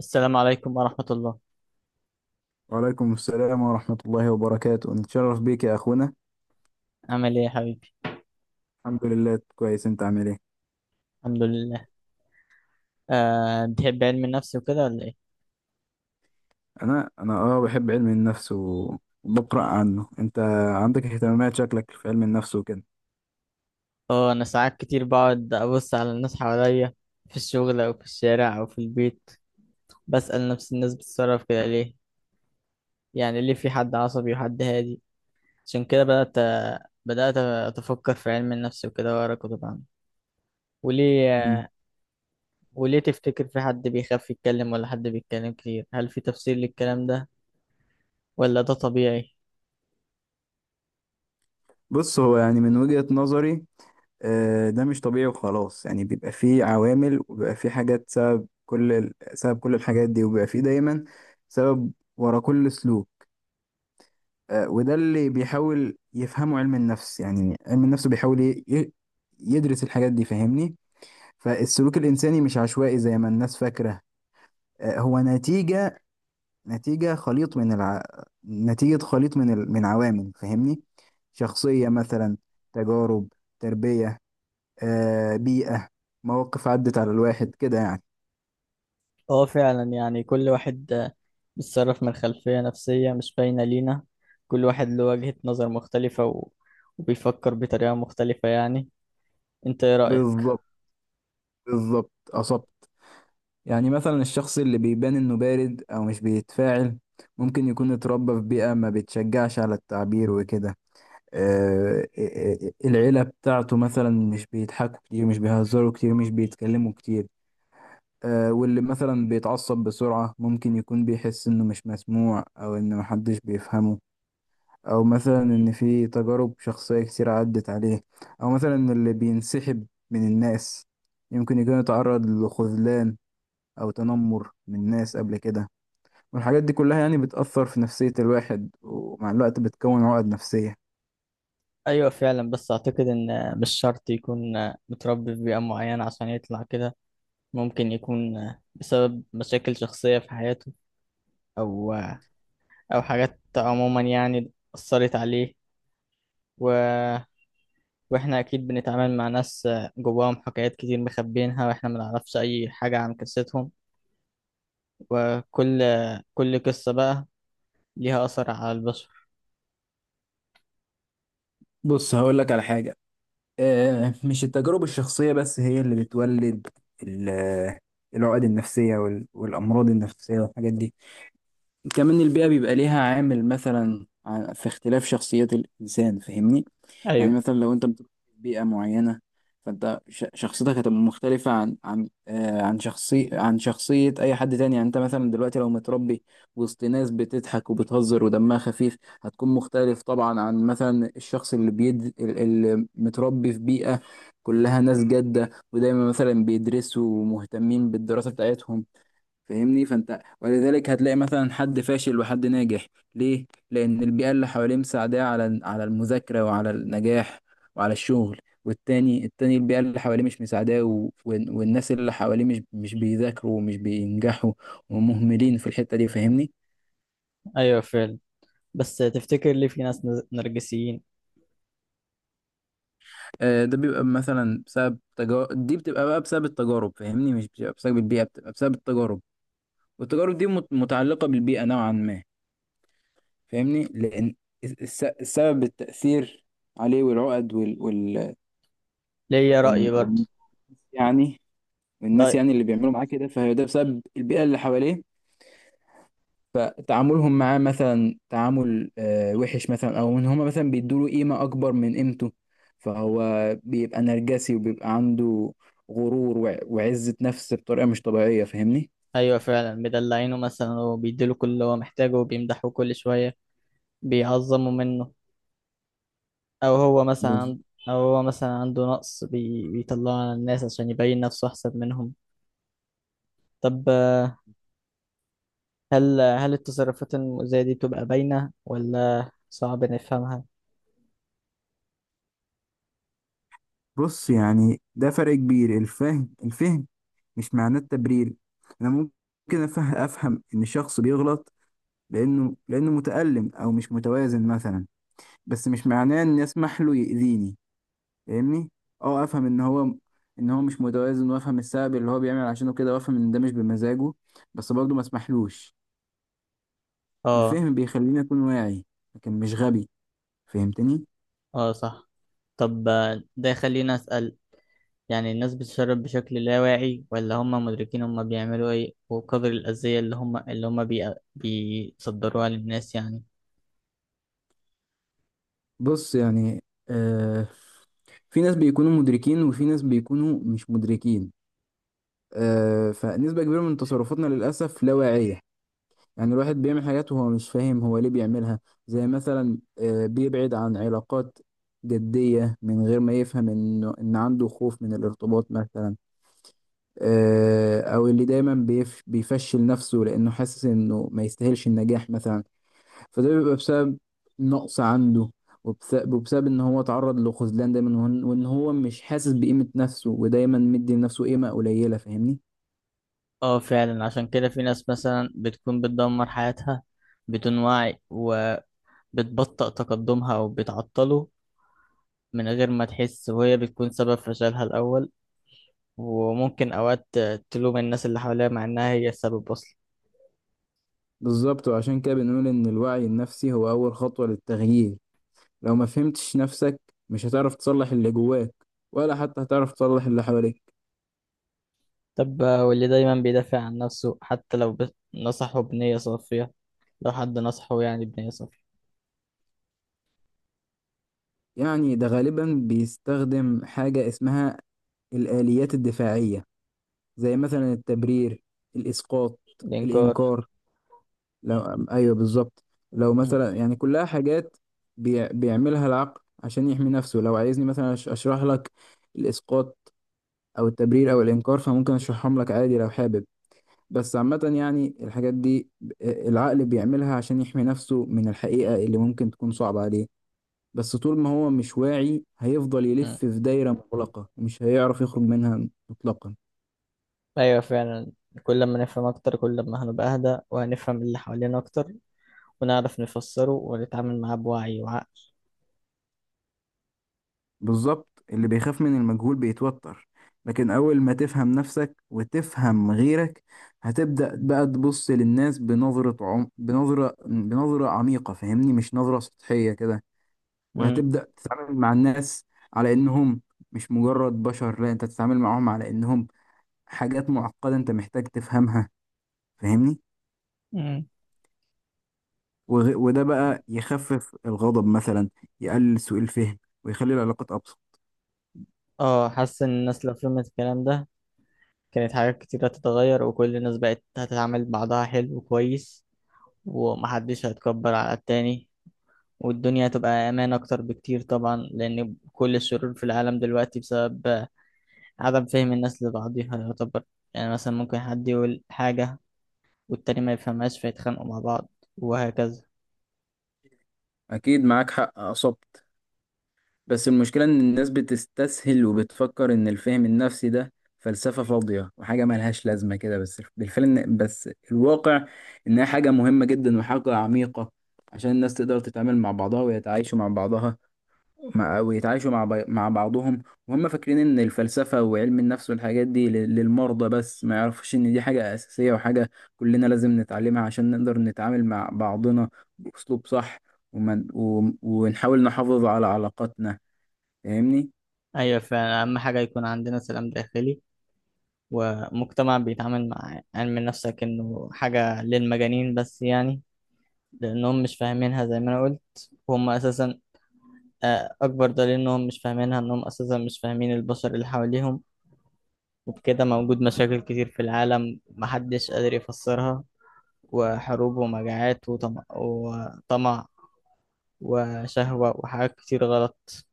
السلام عليكم ورحمة الله. وعليكم السلام ورحمة الله وبركاته، نتشرف بيك يا أخونا. عامل ايه يا حبيبي؟ الحمد لله كويس. أنت عامل إيه؟ الحمد لله. أه، بتحب علم النفس وكده ولا ايه؟ أنا أه بحب علم النفس وبقرأ عنه. أنت عندك اهتمامات، شكلك في علم النفس وكده. اه انا ساعات كتير بقعد ابص على الناس حواليا في الشغل او في الشارع او في البيت، بسأل نفسي الناس بتتصرف كده ليه، يعني ليه في حد عصبي وحد هادي. عشان كده بدأت اتفكر في علم النفس وكده واقرا كتب عنه. وليه مم. وليه تفتكر في حد بيخاف يتكلم ولا حد بيتكلم كتير؟ هل في تفسير للكلام ده ولا ده طبيعي؟ بص، هو يعني من وجهة نظري، ده مش طبيعي وخلاص، يعني بيبقى فيه عوامل وبيبقى فيه حاجات سبب سبب كل الحاجات دي، وبيبقى فيه دايما سبب ورا كل سلوك. وده اللي بيحاول يفهمه علم النفس. يعني علم النفس بيحاول يدرس الحاجات دي، فاهمني. فالسلوك الإنساني مش عشوائي زي ما الناس فاكرة. هو نتيجة، نتيجة خليط من الع... نتيجة خليط من عوامل، فاهمني. شخصية مثلا، تجارب، تربية، بيئة، مواقف عدت على الواحد كده يعني. اه فعلا، يعني كل واحد بيتصرف من خلفية نفسية مش باينة لينا. كل واحد له وجهة نظر مختلفة وبيفكر بطريقة مختلفة يعني. انت ايه رأيك؟ بالظبط، بالظبط أصبت. يعني مثلا الشخص اللي بيبان إنه بارد أو مش بيتفاعل ممكن يكون اتربى في بيئة ما بتشجعش على التعبير وكده. العيلة بتاعته مثلا مش بيضحكوا كتير، مش بيهزروا كتير، مش بيتكلموا كتير. واللي مثلا بيتعصب بسرعة ممكن يكون بيحس إنه مش مسموع أو إن محدش بيفهمه، أو مثلا إن في تجارب شخصية كتير عدت عليه. أو مثلا اللي بينسحب من الناس يمكن يكون يتعرض لخذلان أو تنمر من الناس قبل كده. والحاجات دي كلها يعني بتأثر في نفسية الواحد، ومع الوقت بتكون عقد نفسية. ايوه فعلا، بس اعتقد ان مش شرط يكون متربي في بيئة معينة عشان يطلع كده. ممكن يكون بسبب مشاكل شخصية في حياته، او او حاجات عموما يعني أثرت عليه و... واحنا اكيد بنتعامل مع ناس جواهم حكايات كتير مخبيينها واحنا ما نعرفش اي حاجة عن قصتهم. وكل قصة بقى ليها أثر على البشر. بص، هقول لك على حاجة. مش التجارب الشخصية بس هي اللي بتولد ال- آه، العقد النفسية والأمراض النفسية والحاجات دي. كمان البيئة بيبقى ليها عامل مثلا في اختلاف شخصيات الإنسان، فاهمني. يعني أيوه. مثلا لو انت بتروح بيئة معينة، فانت شخصيتك هتبقى مختلفة عن شخصية اي حد تاني. يعني انت مثلا دلوقتي لو متربي وسط ناس بتضحك وبتهزر ودمها خفيف، هتكون مختلف طبعا عن مثلا الشخص اللي متربي في بيئة كلها ناس جادة ودايما مثلا بيدرسوا ومهتمين بالدراسة بتاعتهم، فاهمني. فانت ولذلك هتلاقي مثلا حد فاشل وحد ناجح. ليه؟ لان البيئه اللي حواليه مساعداه على على المذاكره وعلى النجاح وعلى الشغل. والتاني البيئه اللي حواليه مش مساعداه، والناس اللي حواليه مش بيذاكروا ومش بينجحوا ومهملين في الحته دي، فاهمني. أيوه فعلا، بس تفتكر ليه في ناس نرجسيين؟ آه، ده بيبقى مثلا بسبب تجارب، دي بتبقى بقى بسبب التجارب، فاهمني. مش بتبقى بسبب البيئه، بتبقى بسبب التجارب. والتجارب دي متعلقه بالبيئه نوعا ما، فاهمني. لان السبب التأثير عليه والعقد وال وال ليا وال رأي برضه، وال يعني والناس رأي. يعني اللي بيعملوا معاه كده، فهي ده بسبب البيئة اللي حواليه. فتعاملهم معاه مثلا تعامل وحش مثلا، او ان هما مثلا بيدوا له قيمة اكبر من قيمته، فهو بيبقى نرجسي وبيبقى عنده غرور وعزة نفس بطريقة مش طبيعية، فاهمني. أيوه فعلا، مدلعينه مثلا وبيديله كل اللي هو محتاجه وبيمدحوه كل شوية، بيعظموا منه. أو هو مثلا بز- عند- أو هو مثلا عنده نقص بيطلعه على الناس عشان يبين نفسه أحسن منهم. طب هل التصرفات المؤذية دي بتبقى باينة ولا صعب نفهمها؟ بص، يعني ده فرق كبير. الفهم، الفهم مش معناه التبرير. انا ممكن افهم ان الشخص بيغلط، لانه متألم او مش متوازن مثلا، بس مش معناه ان اسمح له يأذيني، فاهمني. اه افهم ان هو مش متوازن، وافهم السبب اللي هو بيعمل عشانه كده، وافهم ان ده مش بمزاجه، بس برضه ما اسمحلوش. اه. الفهم بيخليني اكون واعي لكن مش غبي، فهمتني. اه صح. طب ده خلينا أسأل، يعني الناس بتشرب بشكل لا واعي ولا هم مدركين هم بيعملوا ايه وقدر الأذية اللي هم بيصدروها للناس يعني؟ بص، يعني آه في ناس بيكونوا مدركين وفي ناس بيكونوا مش مدركين. فنسبة كبيرة من تصرفاتنا للأسف لا واعية. يعني الواحد بيعمل حاجات وهو مش فاهم هو ليه بيعملها. زي مثلا بيبعد عن علاقات جدية من غير ما يفهم إنه إن عنده خوف من الارتباط مثلا. أو اللي دايما بيفشل نفسه لأنه حاسس إنه ما يستاهلش النجاح مثلا. فده بيبقى بسبب نقص عنده، وبسبب إن هو تعرض لخذلان دايما، وإن هو مش حاسس بقيمة نفسه ودايما مدي لنفسه قيمة قليلة، فاهمني. اه فعلا، عشان كده في ناس مثلا بتكون بتدمر حياتها بدون وعي، وبتبطئ تقدمها أو بتعطله من غير ما تحس، وهي بتكون سبب فشلها الأول. وممكن أوقات تلوم الناس اللي حواليها مع إنها هي السبب أصلا. بالظبط، وعشان كده بنقول إن الوعي النفسي هو أول خطوة للتغيير. لو ما فهمتش نفسك مش هتعرف تصلح اللي جواك، ولا حتى هتعرف تصلح اللي حواليك. طب واللي دايما بيدافع عن نفسه حتى لو نصحه بنية صافية، لو حد نصحه يعني بنية صافية؟ يعني ده غالبا بيستخدم حاجة اسمها الآليات الدفاعية، زي مثلا التبرير، الإسقاط، الإنكار. الإنكار. لو أيوه بالظبط. لو م- مثلا يعني كلها حاجات بيعملها العقل عشان يحمي نفسه. لو عايزني مثلا أشرح لك الإسقاط أو التبرير أو الإنكار، فممكن أشرحهم لك عادي لو حابب. بس عامة يعني الحاجات دي العقل بيعملها عشان يحمي نفسه من الحقيقة اللي ممكن تكون صعبة عليه. بس طول ما هو مش واعي هيفضل م. يلف في دايرة مغلقة ومش هيعرف يخرج منها مطلقا. أيوة فعلا، كل ما نفهم أكتر كل ما هنبقى أهدى وهنفهم اللي حوالينا أكتر، ونعرف نفسره ونتعامل معاه بوعي وعقل. بالظبط، اللي بيخاف من المجهول بيتوتر، لكن أول ما تفهم نفسك وتفهم غيرك، هتبدأ بقى تبص للناس بنظرة عميقة، فاهمني، مش نظرة سطحية كده. م. وهتبدأ تتعامل مع الناس على إنهم مش مجرد بشر، لا، أنت تتعامل معاهم على إنهم حاجات معقدة أنت محتاج تفهمها، فاهمني. م. وده بقى يخفف الغضب مثلا، يقلل سوء الفهم، ويخلي العلاقات أبسط. اه حاسس إن الناس لو فهمت الكلام ده، كانت حاجات كتير هتتغير وكل الناس بقت هتتعامل بعضها حلو وكويس، ومحدش هيتكبر على التاني، والدنيا هتبقى أمان أكتر بكتير طبعا، لأن كل الشرور في العالم دلوقتي بسبب عدم فهم الناس لبعضها يعتبر. يعني مثلا ممكن حد يقول حاجة والتاني ما يفهمهاش فيتخانقوا مع بعض، وهكذا. أكيد معاك حق، أصبت. بس المشكلة إن الناس بتستسهل وبتفكر إن الفهم النفسي ده فلسفة فاضية وحاجة ملهاش لازمة كده، بس الواقع إنها حاجة مهمة جدا وحاجة عميقة عشان الناس تقدر تتعامل مع بعضها ويتعايشوا مع بعضها، ويتعايشوا مع بعضهم. وهم فاكرين ان الفلسفة وعلم النفس والحاجات دي للمرضى بس، ما يعرفش ان دي حاجة اساسية وحاجة كلنا لازم نتعلمها عشان نقدر نتعامل مع بعضنا باسلوب صح، ونحاول نحافظ على علاقاتنا، فاهمني. أيوة فعلا، أهم حاجة يكون عندنا سلام داخلي، ومجتمع بيتعامل مع علم النفس كأنه حاجة للمجانين بس يعني، لأنهم مش فاهمينها زي ما أنا قلت، وهم أساسا أكبر دليل إنهم مش فاهمينها إنهم أساسا مش فاهمين البشر اللي حواليهم. وبكده موجود مشاكل كتير في العالم محدش قادر يفسرها، وحروب ومجاعات وطمع، وشهوة وحاجات كتير غلط.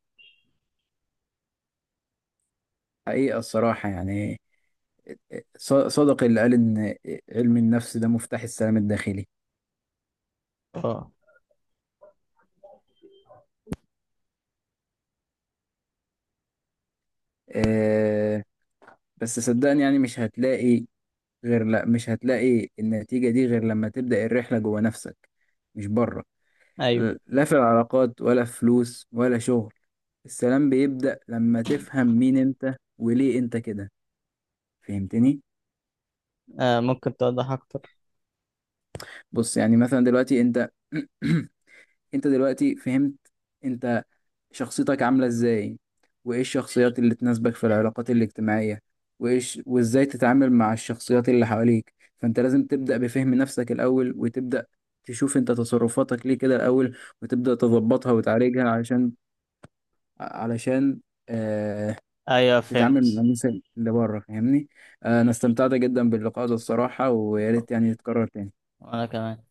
حقيقة الصراحة يعني، صدق اللي قال ان علم النفس ده مفتاح السلام الداخلي. اه. أه بس صدقني يعني مش هتلاقي غير، لا، مش هتلاقي النتيجة دي غير لما تبدأ الرحلة جوه نفسك، مش بره. أيوة. لا في العلاقات ولا في فلوس ولا شغل. السلام بيبدأ لما تفهم مين انت وليه انت كده، فهمتني. آه ممكن توضح اكتر؟ بص، يعني مثلا دلوقتي انت انت دلوقتي فهمت انت شخصيتك عاملة ازاي، وايه الشخصيات اللي تناسبك في العلاقات الاجتماعية، وايش وازاي تتعامل مع الشخصيات اللي حواليك. فانت لازم تبدأ بفهم نفسك الاول، وتبدأ تشوف انت تصرفاتك ليه كده الاول، وتبدأ تظبطها وتعالجها علشان، علشان آه ايوه تتعامل مع فهمت. الناس اللي بره، فاهمني. انا استمتعت جدا باللقاء ده الصراحة، ويا ريت يعني يتكرر تاني. وانا كمان.